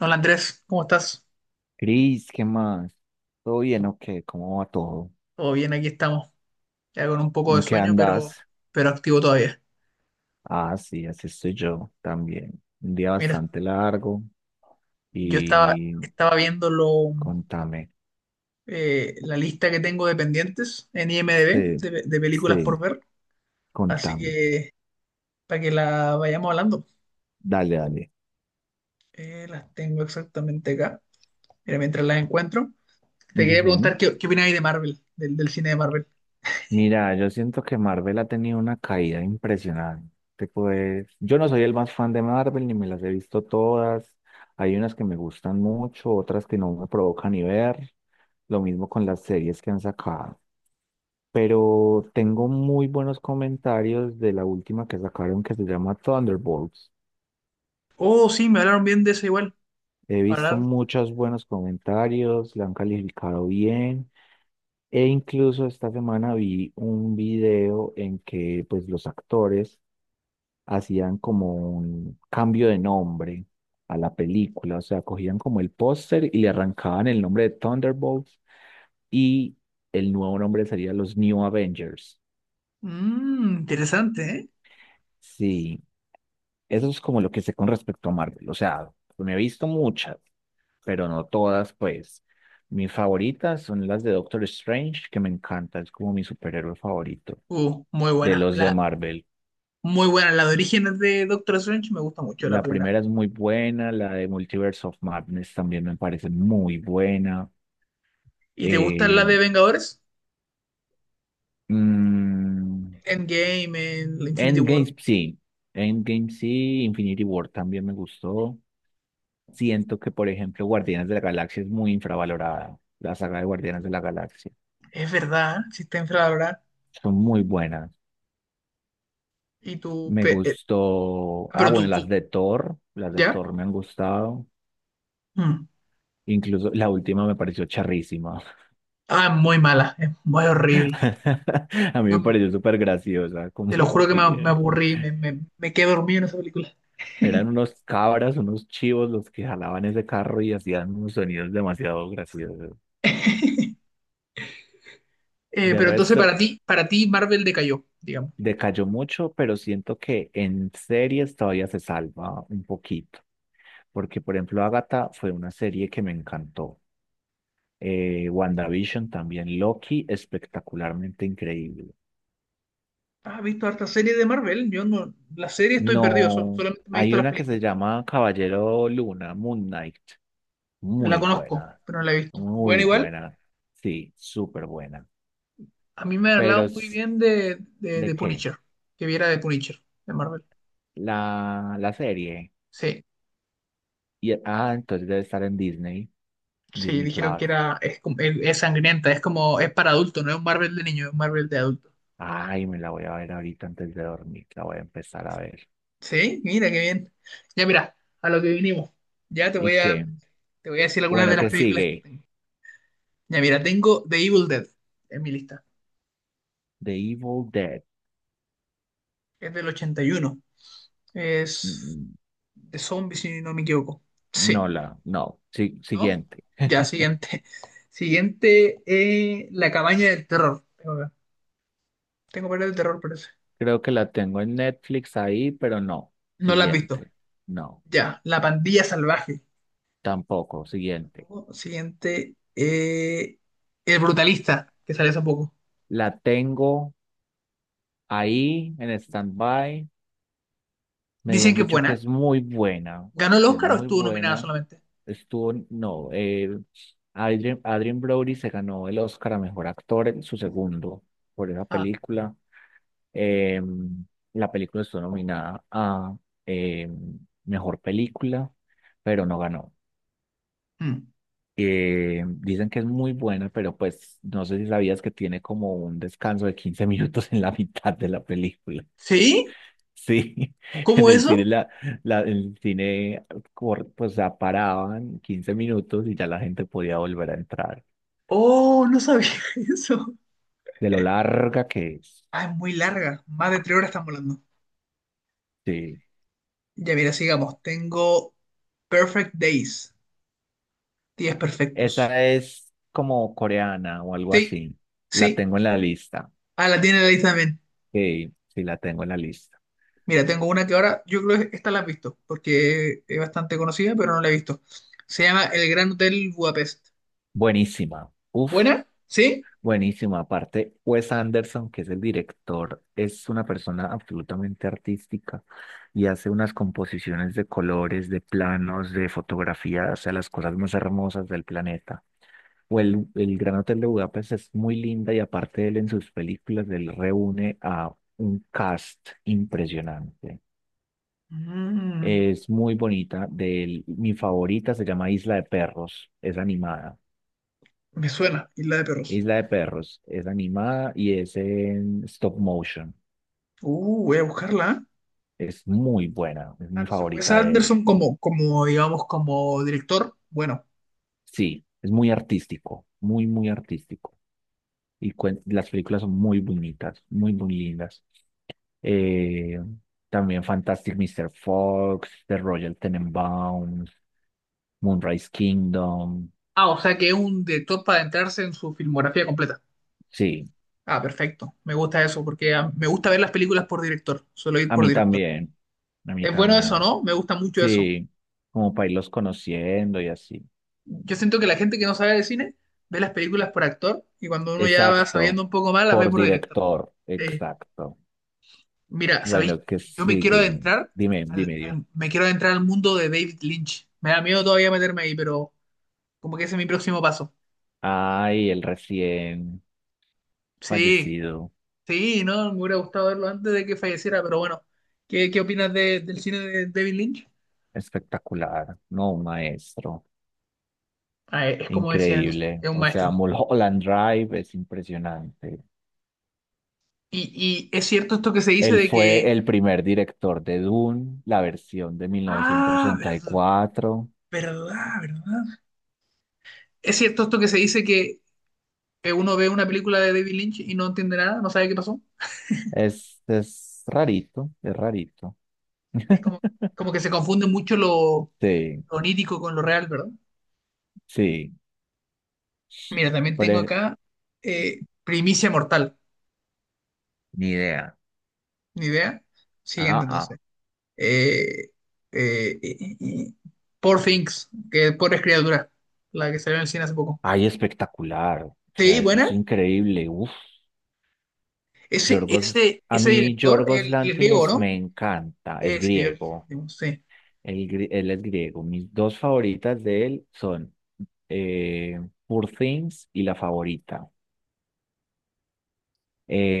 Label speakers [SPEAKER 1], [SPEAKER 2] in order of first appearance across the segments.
[SPEAKER 1] Hola Andrés, ¿cómo estás?
[SPEAKER 2] Cris, ¿qué más? ¿Todo bien o qué? ¿Cómo va todo?
[SPEAKER 1] Todo bien, aquí estamos, ya con un poco de
[SPEAKER 2] ¿En qué
[SPEAKER 1] sueño,
[SPEAKER 2] andas?
[SPEAKER 1] pero activo todavía.
[SPEAKER 2] Ah, sí, así estoy yo también. Un día
[SPEAKER 1] Mira,
[SPEAKER 2] bastante largo
[SPEAKER 1] yo estaba,
[SPEAKER 2] y
[SPEAKER 1] estaba viendo
[SPEAKER 2] contame.
[SPEAKER 1] la lista que tengo de pendientes en IMDb
[SPEAKER 2] Sí,
[SPEAKER 1] de películas por
[SPEAKER 2] sí,
[SPEAKER 1] ver, así
[SPEAKER 2] contame.
[SPEAKER 1] que para que la vayamos hablando.
[SPEAKER 2] Dale, dale.
[SPEAKER 1] Las tengo exactamente acá. Mira, mientras las encuentro, te quería
[SPEAKER 2] Ujú.
[SPEAKER 1] preguntar qué opináis de Marvel, del cine de Marvel.
[SPEAKER 2] Mira, yo siento que Marvel ha tenido una caída impresionante. Pues, yo no soy el más fan de Marvel, ni me las he visto todas. Hay unas que me gustan mucho, otras que no me provocan ni ver. Lo mismo con las series que han sacado. Pero tengo muy buenos comentarios de la última que sacaron, que se llama Thunderbolts.
[SPEAKER 1] Oh, sí, me hablaron bien de eso igual.
[SPEAKER 2] He visto
[SPEAKER 1] Hablar.
[SPEAKER 2] muchos buenos comentarios, la han calificado bien e incluso esta semana vi un video en que pues los actores hacían como un cambio de nombre a la película. O sea, cogían como el póster y le arrancaban el nombre de Thunderbolts y el nuevo nombre sería los New Avengers.
[SPEAKER 1] Mmm, interesante, ¿eh?
[SPEAKER 2] Sí, eso es como lo que sé con respecto a Marvel. O sea, me he visto muchas, pero no todas, pues. Mis favoritas son las de Doctor Strange, que me encanta, es como mi superhéroe favorito
[SPEAKER 1] Muy
[SPEAKER 2] de
[SPEAKER 1] buena.
[SPEAKER 2] los de
[SPEAKER 1] La...
[SPEAKER 2] Marvel.
[SPEAKER 1] Muy buena. La de Orígenes de Doctor Strange me gusta mucho, la
[SPEAKER 2] La
[SPEAKER 1] primera.
[SPEAKER 2] primera es muy buena, la de Multiverse of Madness también me parece muy buena.
[SPEAKER 1] ¿Y te gustan
[SPEAKER 2] Eh,
[SPEAKER 1] las de Vengadores?
[SPEAKER 2] mm,
[SPEAKER 1] Endgame, en Infinity War.
[SPEAKER 2] Endgame sí, Endgame sí, Infinity War también me gustó. Siento que, por ejemplo, Guardianes de la Galaxia es muy infravalorada. La saga de Guardianes de la Galaxia.
[SPEAKER 1] Es verdad, si está infravalorada.
[SPEAKER 2] Son muy buenas.
[SPEAKER 1] Y tú,
[SPEAKER 2] Me gustó.
[SPEAKER 1] ah,
[SPEAKER 2] Ah,
[SPEAKER 1] pero
[SPEAKER 2] bueno,
[SPEAKER 1] tú,
[SPEAKER 2] las
[SPEAKER 1] tú.
[SPEAKER 2] de Thor. Las de
[SPEAKER 1] ¿Ya?
[SPEAKER 2] Thor me han gustado.
[SPEAKER 1] Mm.
[SPEAKER 2] Incluso la última me pareció charrísima.
[SPEAKER 1] Ah, es muy mala. Es muy horrible.
[SPEAKER 2] A mí
[SPEAKER 1] Yo
[SPEAKER 2] me pareció súper graciosa.
[SPEAKER 1] te lo
[SPEAKER 2] Como
[SPEAKER 1] juro que me
[SPEAKER 2] que
[SPEAKER 1] aburrí. Me quedé dormido en esa película.
[SPEAKER 2] eran unos cabras, unos chivos los que jalaban ese carro y hacían unos sonidos demasiado graciosos. De
[SPEAKER 1] Pero entonces
[SPEAKER 2] resto,
[SPEAKER 1] para ti Marvel decayó, digamos.
[SPEAKER 2] decayó mucho, pero siento que en series todavía se salva un poquito. Porque por ejemplo Agatha fue una serie que me encantó. WandaVision también, Loki espectacularmente increíble.
[SPEAKER 1] ¿Has visto harta serie de Marvel? Yo no, la serie estoy perdido,
[SPEAKER 2] No,
[SPEAKER 1] solamente me he
[SPEAKER 2] hay
[SPEAKER 1] visto las
[SPEAKER 2] una que se
[SPEAKER 1] películas.
[SPEAKER 2] llama Caballero Luna, Moon Knight,
[SPEAKER 1] La
[SPEAKER 2] muy
[SPEAKER 1] conozco,
[SPEAKER 2] buena,
[SPEAKER 1] pero no la he visto. Bueno,
[SPEAKER 2] muy
[SPEAKER 1] igual.
[SPEAKER 2] buena, sí, súper buena.
[SPEAKER 1] A mí me han
[SPEAKER 2] Pero
[SPEAKER 1] hablado muy
[SPEAKER 2] es-
[SPEAKER 1] bien
[SPEAKER 2] ¿de
[SPEAKER 1] de
[SPEAKER 2] qué?
[SPEAKER 1] Punisher, que viera de Punisher, de Marvel.
[SPEAKER 2] La serie.
[SPEAKER 1] Sí,
[SPEAKER 2] Y, ah, entonces debe estar en Disney,
[SPEAKER 1] sí,
[SPEAKER 2] Disney
[SPEAKER 1] dijeron
[SPEAKER 2] Plus.
[SPEAKER 1] que era, es sangrienta, es como, es para adultos, no es un Marvel de niño, es un Marvel de adulto.
[SPEAKER 2] Ay, me la voy a ver ahorita antes de dormir, la voy a empezar a ver.
[SPEAKER 1] Sí, mira qué bien. Ya mira, a lo que vinimos. Ya te
[SPEAKER 2] ¿Y
[SPEAKER 1] voy a,
[SPEAKER 2] qué?
[SPEAKER 1] te voy a decir algunas de
[SPEAKER 2] Bueno,
[SPEAKER 1] las
[SPEAKER 2] ¿qué
[SPEAKER 1] películas que
[SPEAKER 2] sigue?
[SPEAKER 1] tengo. Ya mira, tengo The Evil Dead en mi lista.
[SPEAKER 2] The Evil Dead.
[SPEAKER 1] Es del 81. Es
[SPEAKER 2] Mm,
[SPEAKER 1] de zombies, si no me equivoco.
[SPEAKER 2] No
[SPEAKER 1] Sí,
[SPEAKER 2] la, no. Sí,
[SPEAKER 1] ¿no?
[SPEAKER 2] siguiente.
[SPEAKER 1] Ya, siguiente. Siguiente, La cabaña del terror. Tengo varias de terror, parece.
[SPEAKER 2] Creo que la tengo en Netflix ahí, pero no.
[SPEAKER 1] No la has visto.
[SPEAKER 2] Siguiente. No,
[SPEAKER 1] Ya, La pandilla salvaje.
[SPEAKER 2] tampoco. Siguiente.
[SPEAKER 1] Siguiente, El brutalista, que sale hace poco.
[SPEAKER 2] La tengo ahí en stand-by. Me habían
[SPEAKER 1] Dicen que es
[SPEAKER 2] dicho que
[SPEAKER 1] buena.
[SPEAKER 2] es muy buena,
[SPEAKER 1] ¿Ganó el
[SPEAKER 2] que es
[SPEAKER 1] Oscar o
[SPEAKER 2] muy
[SPEAKER 1] estuvo nominada
[SPEAKER 2] buena.
[SPEAKER 1] solamente?
[SPEAKER 2] Estuvo, no, Adrien, Adrien Brody se ganó el Oscar a mejor actor en su segundo por esa
[SPEAKER 1] Ah,
[SPEAKER 2] película. Eh, la película estuvo nominada a eh, mejor película, pero no ganó.
[SPEAKER 1] mm.
[SPEAKER 2] Dicen que es muy buena, pero pues no sé si sabías que tiene como un descanso de 15 minutos en la mitad de la película.
[SPEAKER 1] ¿Sí?
[SPEAKER 2] Sí, en
[SPEAKER 1] ¿Cómo
[SPEAKER 2] el cine,
[SPEAKER 1] eso?
[SPEAKER 2] la- el cine cor- pues se paraban 15 minutos y ya la gente podía volver a entrar.
[SPEAKER 1] Oh, no sabía eso.
[SPEAKER 2] De lo larga que es.
[SPEAKER 1] Ah, es muy larga. Más de 3 horas estamos hablando.
[SPEAKER 2] Sí,
[SPEAKER 1] Ya, mira, sigamos. Tengo Perfect Days. Días perfectos.
[SPEAKER 2] esa es como coreana o algo
[SPEAKER 1] Sí,
[SPEAKER 2] así. La
[SPEAKER 1] sí.
[SPEAKER 2] tengo en la lista.
[SPEAKER 1] Ah, la tiene la lista también.
[SPEAKER 2] Sí, sí la tengo en la lista.
[SPEAKER 1] Mira, tengo una que ahora, yo creo que esta la has visto, porque es bastante conocida, pero no la he visto. Se llama El Gran Hotel Budapest.
[SPEAKER 2] Buenísima. Uf,
[SPEAKER 1] ¿Buena? ¿Sí?
[SPEAKER 2] buenísima. Aparte, Wes Anderson, que es el director, es una persona absolutamente artística y hace unas composiciones de colores, de planos, de fotografías, o sea, las cosas más hermosas del planeta. O el Gran Hotel de Budapest es muy linda y aparte él en sus películas, él reúne a un cast impresionante.
[SPEAKER 1] Mm,
[SPEAKER 2] Es muy bonita. De él, mi favorita se llama Isla de Perros. Es animada.
[SPEAKER 1] me suena, Isla de Perros.
[SPEAKER 2] Isla de Perros es animada y es en stop motion.
[SPEAKER 1] Voy a buscarla. ¿Eh?
[SPEAKER 2] Es muy buena, es
[SPEAKER 1] Ah,
[SPEAKER 2] mi
[SPEAKER 1] entonces Wes
[SPEAKER 2] favorita de él.
[SPEAKER 1] Anderson como, como, digamos, como director. Bueno.
[SPEAKER 2] Sí, es muy artístico, muy, muy artístico. Y cuen- las películas son muy bonitas, muy, muy lindas. Eh, también Fantastic Mr. Fox, The Royal Tenenbaums, Moonrise Kingdom.
[SPEAKER 1] Ah, o sea que es un director para adentrarse en su filmografía completa.
[SPEAKER 2] Sí,
[SPEAKER 1] Ah, perfecto. Me gusta eso, porque ah, me gusta ver las películas por director. Suelo ir
[SPEAKER 2] a
[SPEAKER 1] por
[SPEAKER 2] mí
[SPEAKER 1] director.
[SPEAKER 2] también, a mí
[SPEAKER 1] Es bueno eso,
[SPEAKER 2] también.
[SPEAKER 1] ¿no? Me gusta mucho eso.
[SPEAKER 2] Sí, como para irlos conociendo y así.
[SPEAKER 1] Yo siento que la gente que no sabe de cine ve las películas por actor y cuando uno ya va
[SPEAKER 2] Exacto,
[SPEAKER 1] sabiendo un poco más las ve
[SPEAKER 2] por
[SPEAKER 1] por director.
[SPEAKER 2] director,
[SPEAKER 1] Eh,
[SPEAKER 2] exacto.
[SPEAKER 1] Mira, ¿sabéis?
[SPEAKER 2] Bueno, ¿qué
[SPEAKER 1] Yo me quiero
[SPEAKER 2] sigue?
[SPEAKER 1] adentrar
[SPEAKER 2] Dime, dime, dime.
[SPEAKER 1] me quiero adentrar al mundo de David Lynch. Me da miedo todavía meterme ahí, pero como que ese es mi próximo paso.
[SPEAKER 2] Ay, el recién
[SPEAKER 1] Sí,
[SPEAKER 2] fallecido,
[SPEAKER 1] sí, ¿no? Me hubiera gustado verlo antes de que falleciera, pero bueno. ¿Qué opinas de- del cine de David Lynch?
[SPEAKER 2] espectacular, no, un maestro,
[SPEAKER 1] Ah, es como decían entonces,
[SPEAKER 2] increíble.
[SPEAKER 1] es un
[SPEAKER 2] O sea,
[SPEAKER 1] maestro.
[SPEAKER 2] Mulholland Drive es impresionante.
[SPEAKER 1] Y es cierto esto que se dice
[SPEAKER 2] Él
[SPEAKER 1] de
[SPEAKER 2] fue
[SPEAKER 1] que...
[SPEAKER 2] el primer director de Dune, la versión de mil novecientos
[SPEAKER 1] Ah,
[SPEAKER 2] ochenta y
[SPEAKER 1] verdad,
[SPEAKER 2] cuatro.
[SPEAKER 1] verdad, verdad. ¿Es cierto esto que se dice que uno ve una película de David Lynch y no entiende nada, no sabe qué pasó?
[SPEAKER 2] Es rarito, es rarito.
[SPEAKER 1] Es como, como que se confunde mucho
[SPEAKER 2] Sí,
[SPEAKER 1] lo onírico con lo real, ¿verdad?
[SPEAKER 2] sí,
[SPEAKER 1] Mira, también
[SPEAKER 2] por
[SPEAKER 1] tengo
[SPEAKER 2] e-
[SPEAKER 1] acá Primicia Mortal,
[SPEAKER 2] ni idea.
[SPEAKER 1] ni idea. Siguiente,
[SPEAKER 2] Ah, ah.
[SPEAKER 1] entonces. Eh, eh, y- y- y- Poor Things, que Pobres Criaturas, la que salió en el cine hace poco.
[SPEAKER 2] Ay, espectacular. O
[SPEAKER 1] Sí,
[SPEAKER 2] sea, eso es
[SPEAKER 1] buena.
[SPEAKER 2] increíble. Uf. Yorgos, a
[SPEAKER 1] Ese
[SPEAKER 2] mí
[SPEAKER 1] director,
[SPEAKER 2] Yorgos
[SPEAKER 1] el griego,
[SPEAKER 2] Lántimos
[SPEAKER 1] ¿no?
[SPEAKER 2] me encanta. Es
[SPEAKER 1] Ese, yo
[SPEAKER 2] griego.
[SPEAKER 1] no sé.
[SPEAKER 2] Él, gri- él es griego. Mis dos favoritas de él son eh, Poor Things y La Favorita.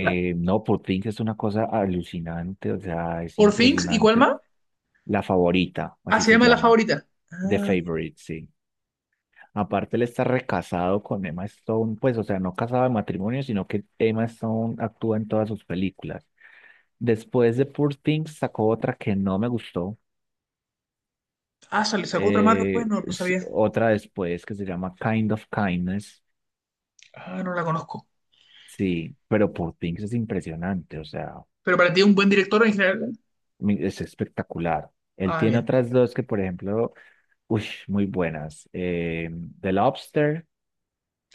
[SPEAKER 1] La-
[SPEAKER 2] No, Poor Things es una cosa alucinante. O sea, es
[SPEAKER 1] Poor Things, ¿y cuál
[SPEAKER 2] impresionante.
[SPEAKER 1] más?
[SPEAKER 2] La Favorita,
[SPEAKER 1] Ah,
[SPEAKER 2] así
[SPEAKER 1] se
[SPEAKER 2] se
[SPEAKER 1] llama La
[SPEAKER 2] llama.
[SPEAKER 1] Favorita.
[SPEAKER 2] The
[SPEAKER 1] Ah,
[SPEAKER 2] Favorite, sí. Aparte, él está recasado con Emma Stone, pues, o sea, no casado de matrimonio, sino que Emma Stone actúa en todas sus películas. Después de Poor Things sacó otra que no me gustó,
[SPEAKER 1] ah, sale, sacó otra más después, no, no
[SPEAKER 2] s-
[SPEAKER 1] sabía.
[SPEAKER 2] otra después que se llama Kind of Kindness,
[SPEAKER 1] Ah, no la conozco.
[SPEAKER 2] sí, pero Poor Things es impresionante, o sea,
[SPEAKER 1] Pero para ti, un buen director en general, ¿no?
[SPEAKER 2] mi- es espectacular. Él
[SPEAKER 1] Ah,
[SPEAKER 2] tiene
[SPEAKER 1] bien.
[SPEAKER 2] otras dos que, por ejemplo, uy, muy buenas, The Lobster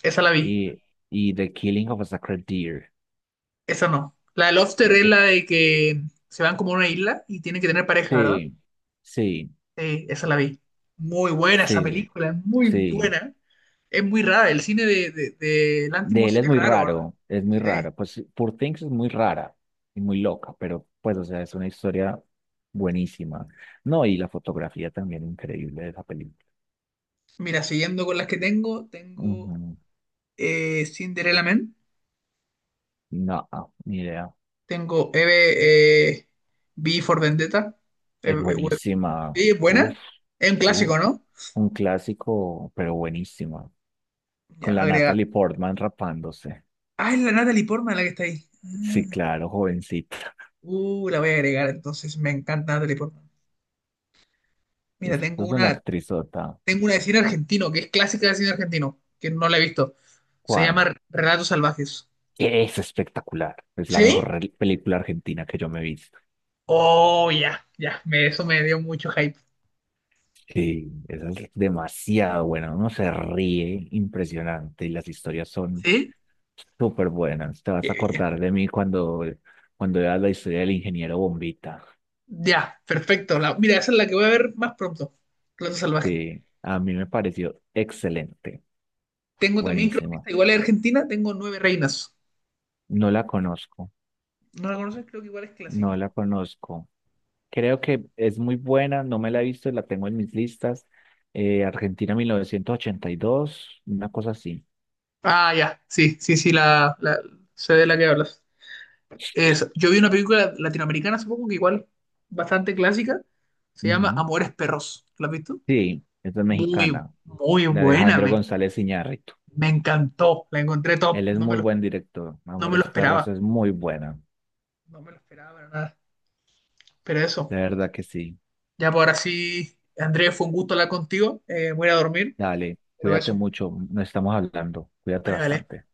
[SPEAKER 1] Esa la vi.
[SPEAKER 2] y, y The Killing of a Sacred Deer.
[SPEAKER 1] Esa no. La de Lobster es
[SPEAKER 2] Esa-
[SPEAKER 1] la de que se van como a una isla y tienen que tener pareja, ¿verdad?
[SPEAKER 2] Sí, sí.
[SPEAKER 1] Sí, esa la vi. Muy buena esa
[SPEAKER 2] Sí,
[SPEAKER 1] película. Es muy
[SPEAKER 2] sí.
[SPEAKER 1] buena. Es muy rara. El cine de
[SPEAKER 2] De él
[SPEAKER 1] Lanthimos
[SPEAKER 2] es
[SPEAKER 1] es
[SPEAKER 2] muy
[SPEAKER 1] raro, ¿verdad?
[SPEAKER 2] raro, es muy
[SPEAKER 1] Sí.
[SPEAKER 2] raro. Pues Poor Things es muy rara y muy loca, pero pues, o sea, es una historia buenísima. No, y la fotografía también increíble de esa película.
[SPEAKER 1] Mira, siguiendo con las que tengo
[SPEAKER 2] Ujú.
[SPEAKER 1] Cinderella Man,
[SPEAKER 2] No, ni idea.
[SPEAKER 1] tengo Eve, V for Vendetta.
[SPEAKER 2] Es buenísima.
[SPEAKER 1] Sí, es buena.
[SPEAKER 2] Uf,
[SPEAKER 1] Es un
[SPEAKER 2] uf.
[SPEAKER 1] clásico, ¿no?
[SPEAKER 2] Un clásico, pero buenísima.
[SPEAKER 1] Ya,
[SPEAKER 2] Con la
[SPEAKER 1] agrega.
[SPEAKER 2] Natalie Portman rapándose.
[SPEAKER 1] Ah, es la Natalie Portman la que está ahí.
[SPEAKER 2] Sí,
[SPEAKER 1] Ah,
[SPEAKER 2] claro, jovencita.
[SPEAKER 1] uh, la voy a agregar, entonces me encanta Natalie Portman. Mira,
[SPEAKER 2] Esto es una actrizota.
[SPEAKER 1] tengo una de cine argentino, que es clásica de cine argentino, que no la he visto. Se
[SPEAKER 2] ¿Cuál?
[SPEAKER 1] llama Relatos Salvajes.
[SPEAKER 2] Es espectacular. Es la
[SPEAKER 1] ¿Sí?
[SPEAKER 2] mejor re- película argentina que yo me he visto.
[SPEAKER 1] Oh, ya, ya, eso me dio mucho hype.
[SPEAKER 2] Sí, esa es demasiado buena. Uno se ríe impresionante y las historias son
[SPEAKER 1] ¿Sí?
[SPEAKER 2] súper buenas. Te vas
[SPEAKER 1] Qué
[SPEAKER 2] a
[SPEAKER 1] bien.
[SPEAKER 2] acordar de mí cuando, cuando veas la historia del ingeniero Bombita.
[SPEAKER 1] Ya, perfecto. La, mira, esa es la que voy a ver más pronto. Relatos Salvajes.
[SPEAKER 2] Sí, a mí me pareció excelente.
[SPEAKER 1] Tengo también, creo que
[SPEAKER 2] Buenísima.
[SPEAKER 1] esta igual es argentina, tengo Nueve Reinas.
[SPEAKER 2] No la conozco.
[SPEAKER 1] ¿No la conoces? Creo que igual es
[SPEAKER 2] No
[SPEAKER 1] clásica.
[SPEAKER 2] la conozco. Creo que es muy buena. No me la he visto. La tengo en mis listas. Argentina 1982, una cosa así.
[SPEAKER 1] Ah, ya, sí, sí, sí, sé de la que hablas. Es, yo vi una película latinoamericana hace poco que igual, bastante clásica, se llama
[SPEAKER 2] Ujú.
[SPEAKER 1] Amores Perros. ¿La has visto?
[SPEAKER 2] Sí, esta es
[SPEAKER 1] Muy,
[SPEAKER 2] mexicana,
[SPEAKER 1] muy
[SPEAKER 2] de
[SPEAKER 1] buena,
[SPEAKER 2] Alejandro
[SPEAKER 1] me,
[SPEAKER 2] González Iñárritu.
[SPEAKER 1] me encantó, la encontré top,
[SPEAKER 2] Él es
[SPEAKER 1] no me
[SPEAKER 2] muy
[SPEAKER 1] lo,
[SPEAKER 2] buen director.
[SPEAKER 1] no me lo
[SPEAKER 2] Amores Perros
[SPEAKER 1] esperaba,
[SPEAKER 2] es muy buena.
[SPEAKER 1] no me lo esperaba para nada. Pero
[SPEAKER 2] De
[SPEAKER 1] eso,
[SPEAKER 2] verdad que sí.
[SPEAKER 1] ya por ahora sí, Andrés, fue un gusto hablar contigo, voy a ir a dormir,
[SPEAKER 2] Dale,
[SPEAKER 1] pero
[SPEAKER 2] cuídate
[SPEAKER 1] eso,
[SPEAKER 2] mucho. No estamos hablando. Cuídate
[SPEAKER 1] vale, vale.
[SPEAKER 2] bastante. Chao.